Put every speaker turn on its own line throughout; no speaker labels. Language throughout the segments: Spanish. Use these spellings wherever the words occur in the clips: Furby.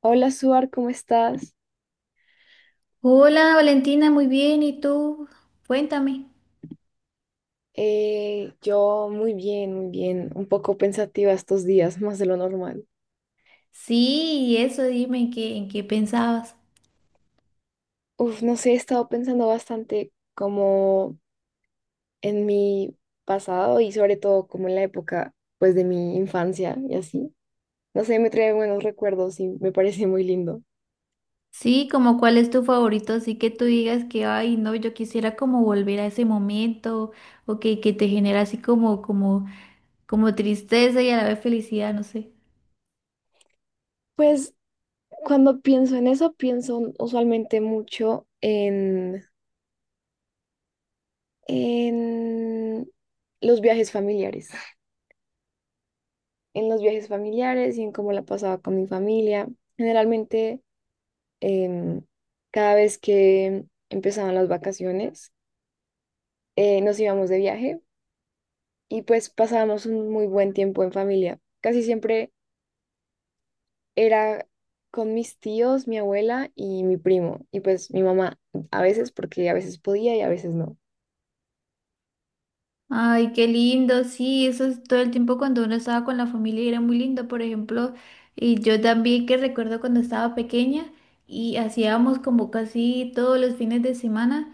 Hola, Suar, ¿cómo estás?
Hola Valentina, muy bien. ¿Y tú? Cuéntame.
Yo muy bien, un poco pensativa estos días, más de lo normal.
Sí, y eso, dime en qué pensabas.
Uf, no sé, he estado pensando bastante como en mi pasado y sobre todo como en la época pues de mi infancia y así. No sé, me trae buenos recuerdos y me parece muy lindo.
Sí, como cuál es tu favorito, así que tú digas que, ay, no, yo quisiera como volver a ese momento, o que te genera así como tristeza y a la vez felicidad, no sé.
Pues cuando pienso en eso, pienso usualmente mucho en los viajes familiares. En los viajes familiares y en cómo la pasaba con mi familia. Generalmente, em, cada vez que empezaban las vacaciones, nos íbamos de viaje y pues pasábamos un muy buen tiempo en familia. Casi siempre era con mis tíos, mi abuela y mi primo, y pues mi mamá a veces, porque a veces podía y a veces no.
Ay, qué lindo, sí, eso es todo el tiempo cuando uno estaba con la familia y era muy lindo, por ejemplo, y yo también que recuerdo cuando estaba pequeña y hacíamos como casi todos los fines de semana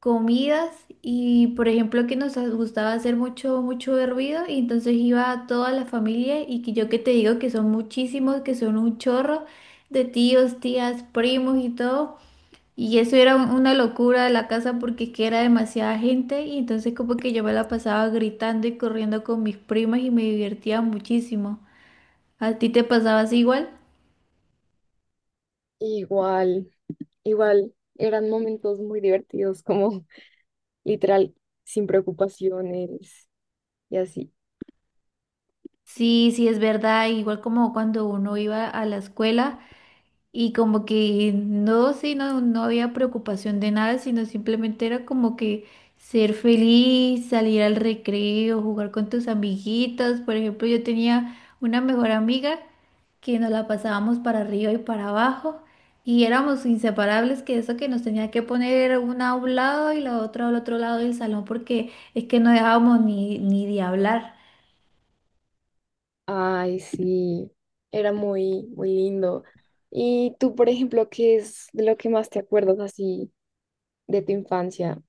comidas. Y por ejemplo que nos gustaba hacer mucho, mucho hervido y entonces iba a toda la familia y que yo que te digo que son muchísimos, que son un chorro de tíos, tías, primos y todo. Y eso era una locura de la casa porque es que era demasiada gente y entonces como que yo me la pasaba gritando y corriendo con mis primas y me divertía muchísimo. ¿A ti te pasabas igual?
Igual, igual, eran momentos muy divertidos, como literal, sin preocupaciones y así.
Sí, sí, es verdad, igual como cuando uno iba a la escuela. Y como que no, sí, no, no había preocupación de nada, sino simplemente era como que ser feliz, salir al recreo, jugar con tus amiguitas. Por ejemplo, yo tenía una mejor amiga que nos la pasábamos para arriba y para abajo y éramos inseparables, que eso que nos tenía que poner una a un lado y la otra al otro lado del salón porque es que no dejábamos ni de hablar.
Ay, sí, era muy, muy lindo. Y tú, por ejemplo, ¿qué es de lo que más te acuerdas así de tu infancia?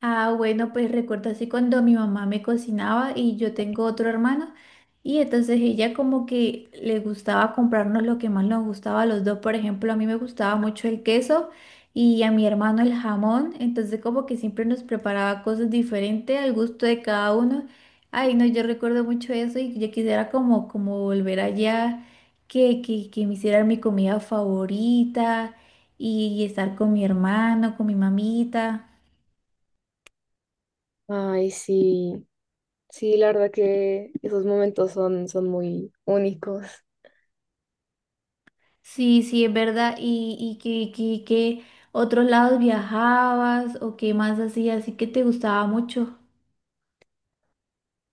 Ah, bueno, pues recuerdo así cuando mi mamá me cocinaba y yo tengo otro hermano y entonces ella como que le gustaba comprarnos lo que más nos gustaba a los dos. Por ejemplo, a mí me gustaba mucho el queso y a mi hermano el jamón, entonces como que siempre nos preparaba cosas diferentes al gusto de cada uno. Ay, no, yo recuerdo mucho eso y yo quisiera como volver allá, que me hicieran mi comida favorita y estar con mi hermano, con mi mamita.
Ay, sí, sí, la verdad que esos momentos son, son muy únicos.
Sí, sí, es verdad. Y qué, qué otros lados viajabas o qué más hacías? Así que te gustaba mucho.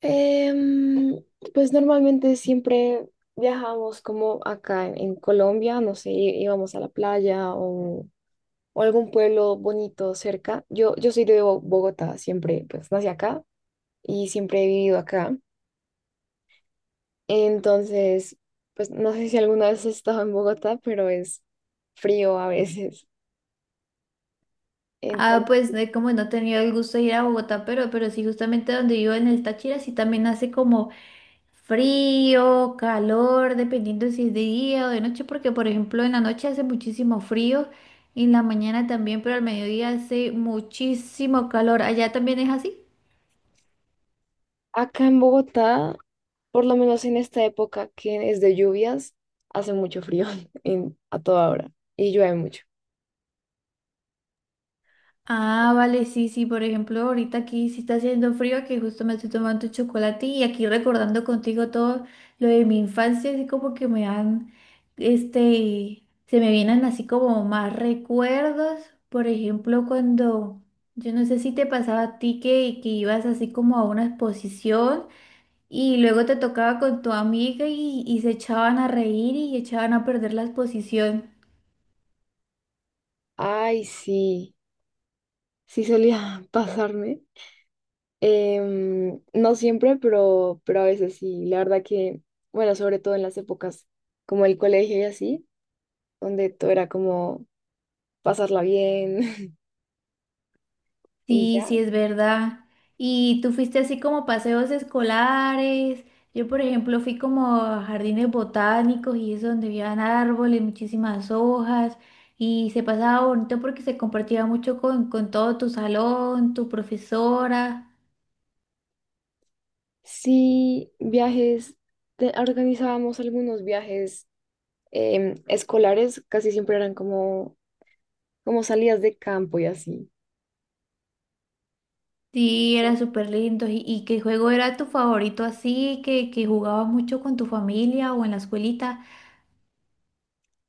Em, pues normalmente siempre viajamos como acá en Colombia, no sé, íbamos a la playa o algún pueblo bonito cerca. Yo soy de Bogotá, siempre, pues nací acá y siempre he vivido acá. Entonces, pues no sé si alguna vez has estado en Bogotá, pero es frío a veces.
Ah,
Entonces,
pues de como no he tenido el gusto de ir a Bogotá, pero sí, justamente donde vivo en el Táchira, sí también hace como frío, calor, dependiendo si es de día o de noche, porque por ejemplo en la noche hace muchísimo frío y en la mañana también, pero al mediodía hace muchísimo calor. ¿Allá también es así?
acá en Bogotá, por lo menos en esta época que es de lluvias, hace mucho frío a toda hora y llueve mucho.
Ah, vale, sí, sí, por ejemplo, ahorita aquí sí está haciendo frío, aquí justo me estoy tomando un chocolate y aquí recordando contigo todo lo de mi infancia, así como que me dan, se me vienen así como más recuerdos, por ejemplo, cuando, yo no sé si te pasaba a ti que ibas así como a una exposición y luego te tocaba con tu amiga y se echaban a reír y echaban a perder la exposición.
Ay, sí, sí solía pasarme. No siempre, pero a veces sí. La verdad que, bueno, sobre todo en las épocas como el colegio y así, donde todo era como pasarla bien y
Sí,
ya.
sí, es verdad. Y tú fuiste así como paseos escolares. Yo, por ejemplo, fui como a jardines botánicos y eso donde habían árboles, muchísimas hojas y se pasaba bonito porque se compartía mucho con todo tu salón, tu profesora.
Sí, viajes, organizábamos algunos viajes escolares, casi siempre eran como, como salidas de campo y así.
Sí, era súper lindo. Y qué juego era tu favorito así que jugabas mucho con tu familia o en la escuelita?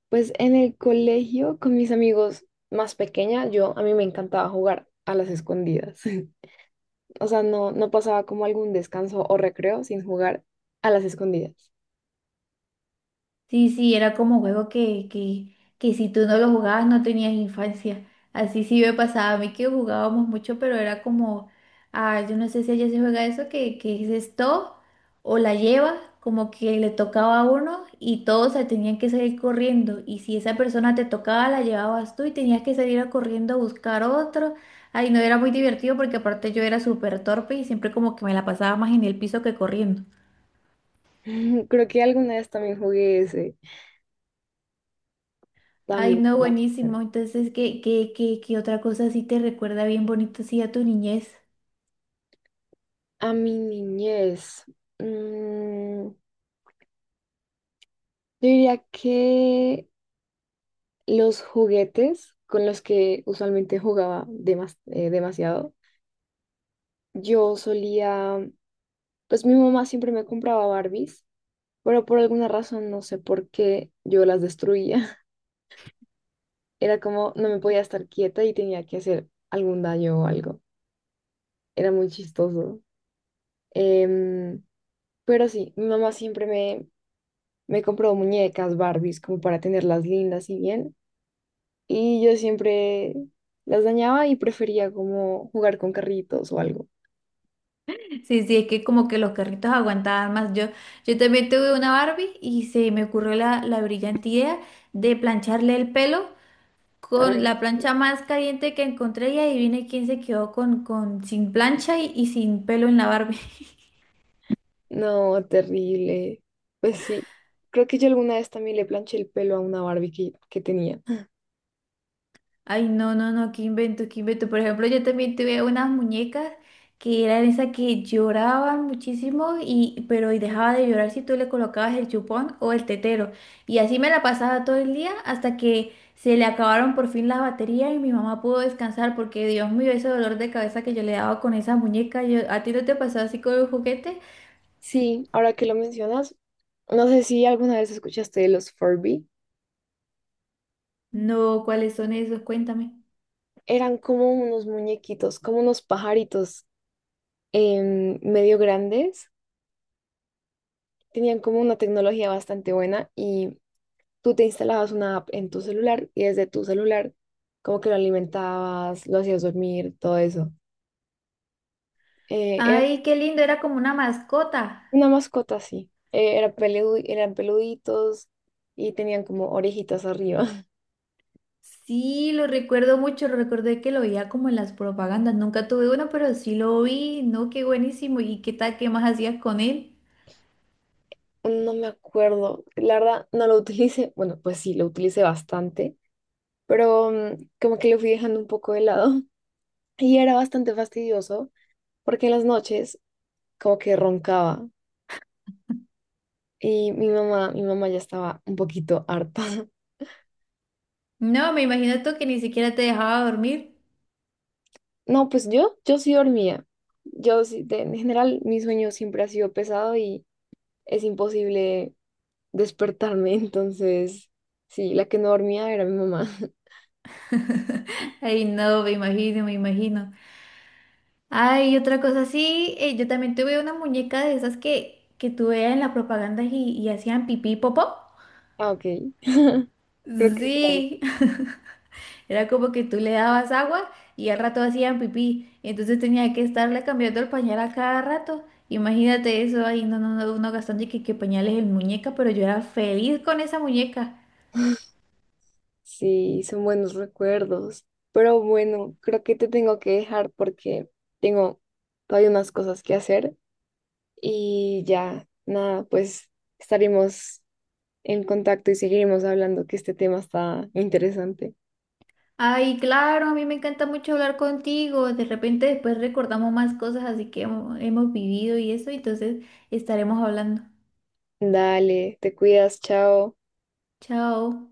Pues en el colegio con mis amigos más pequeña, yo a mí me encantaba jugar a las escondidas. O sea, no, no pasaba como algún descanso o recreo sin jugar a las escondidas.
Sí, sí, era como juego que si tú no lo jugabas no tenías infancia. Así sí me pasaba a mí que jugábamos mucho, pero era como, ah, yo no sé si allá se juega eso, que es esto o la lleva, como que le tocaba a uno y todos se tenían que salir corriendo. Y si esa persona te tocaba, la llevabas tú y tenías que salir a corriendo a buscar otro. Ay, no, era muy divertido porque aparte yo era súper torpe y siempre como que me la pasaba más en el piso que corriendo.
Creo que alguna vez también jugué ese,
Ay,
también
no,
era
buenísimo.
súper.
Entonces, ¿qué qué, qué, qué otra cosa así te recuerda bien bonito así a tu niñez?
A mi niñez, mm, yo diría que los juguetes con los que usualmente jugaba demasiado. Yo solía, pues mi mamá siempre me compraba Barbies, pero por alguna razón, no sé por qué, yo las destruía. Era como, no me podía estar quieta y tenía que hacer algún daño o algo. Era muy chistoso. Em, pero sí, mi mamá siempre me, me compró muñecas Barbies como para tenerlas lindas y bien. Y yo siempre las dañaba y prefería como jugar con carritos o algo.
Sí, sí, es que como que los carritos aguantaban más. Yo también tuve una Barbie y se me ocurrió la brillante idea de plancharle el pelo con la plancha más caliente que encontré y adivine quién se quedó con sin plancha y sin pelo en la Barbie.
No, terrible. Pues sí, creo que yo alguna vez también le planché el pelo a una Barbie que tenía.
Ay, no, no, no, qué invento, qué invento. Por ejemplo, yo también tuve unas muñecas que eran esas que lloraban muchísimo y, pero y dejaba de llorar si tú le colocabas el chupón o el tetero. Y así me la pasaba todo el día hasta que se le acabaron por fin las baterías y mi mamá pudo descansar porque Dios mío, ese dolor de cabeza que yo le daba con esa muñeca. Yo, ¿a ti no te pasó así con un juguete?
Sí, ahora que lo mencionas, no sé si alguna vez escuchaste de los Furby.
No, ¿cuáles son esos? Cuéntame.
Eran como unos muñequitos, como unos pajaritos medio grandes. Tenían como una tecnología bastante buena y tú te instalabas una app en tu celular y desde tu celular como que lo alimentabas, lo hacías dormir, todo eso.
Ay, qué lindo, era como una mascota.
Una mascota, sí. Era eran peluditos y tenían como orejitas arriba.
Sí, lo recuerdo mucho, lo recordé que lo veía como en las propagandas, nunca tuve uno, pero sí lo vi, no, qué buenísimo, ¿y qué tal, qué más hacías con él?
No me acuerdo. La verdad, no lo utilicé. Bueno, pues sí, lo utilicé bastante, pero mm, como que lo fui dejando un poco de lado. Y era bastante fastidioso porque en las noches como que roncaba y mi mamá ya estaba un poquito harta.
No, me imagino tú que ni siquiera te dejaba dormir.
No, pues yo sí dormía. Yo sí, en general, mi sueño siempre ha sido pesado y es imposible despertarme, entonces, sí, la que no dormía era mi mamá.
Ay, no, me imagino, me imagino. Ay, otra cosa, sí, yo también tuve una muñeca de esas que tú veías en las propagandas y hacían pipí y popó.
Ah, ok. Creo que sí,
Sí, era como que tú le dabas agua y al rato hacían pipí, entonces tenía que estarle cambiando el pañal a cada rato. Imagínate eso ahí, no, no, no, uno gastando y que pañales en muñeca, pero yo era feliz con esa muñeca.
sí, son buenos recuerdos. Pero bueno, creo que te tengo que dejar porque tengo todavía unas cosas que hacer y ya, nada, pues estaremos en contacto y seguiremos hablando que este tema está interesante.
Ay, claro, a mí me encanta mucho hablar contigo. De repente después recordamos más cosas así que hemos vivido y eso, entonces estaremos hablando.
Dale, te cuidas, chao.
Chao.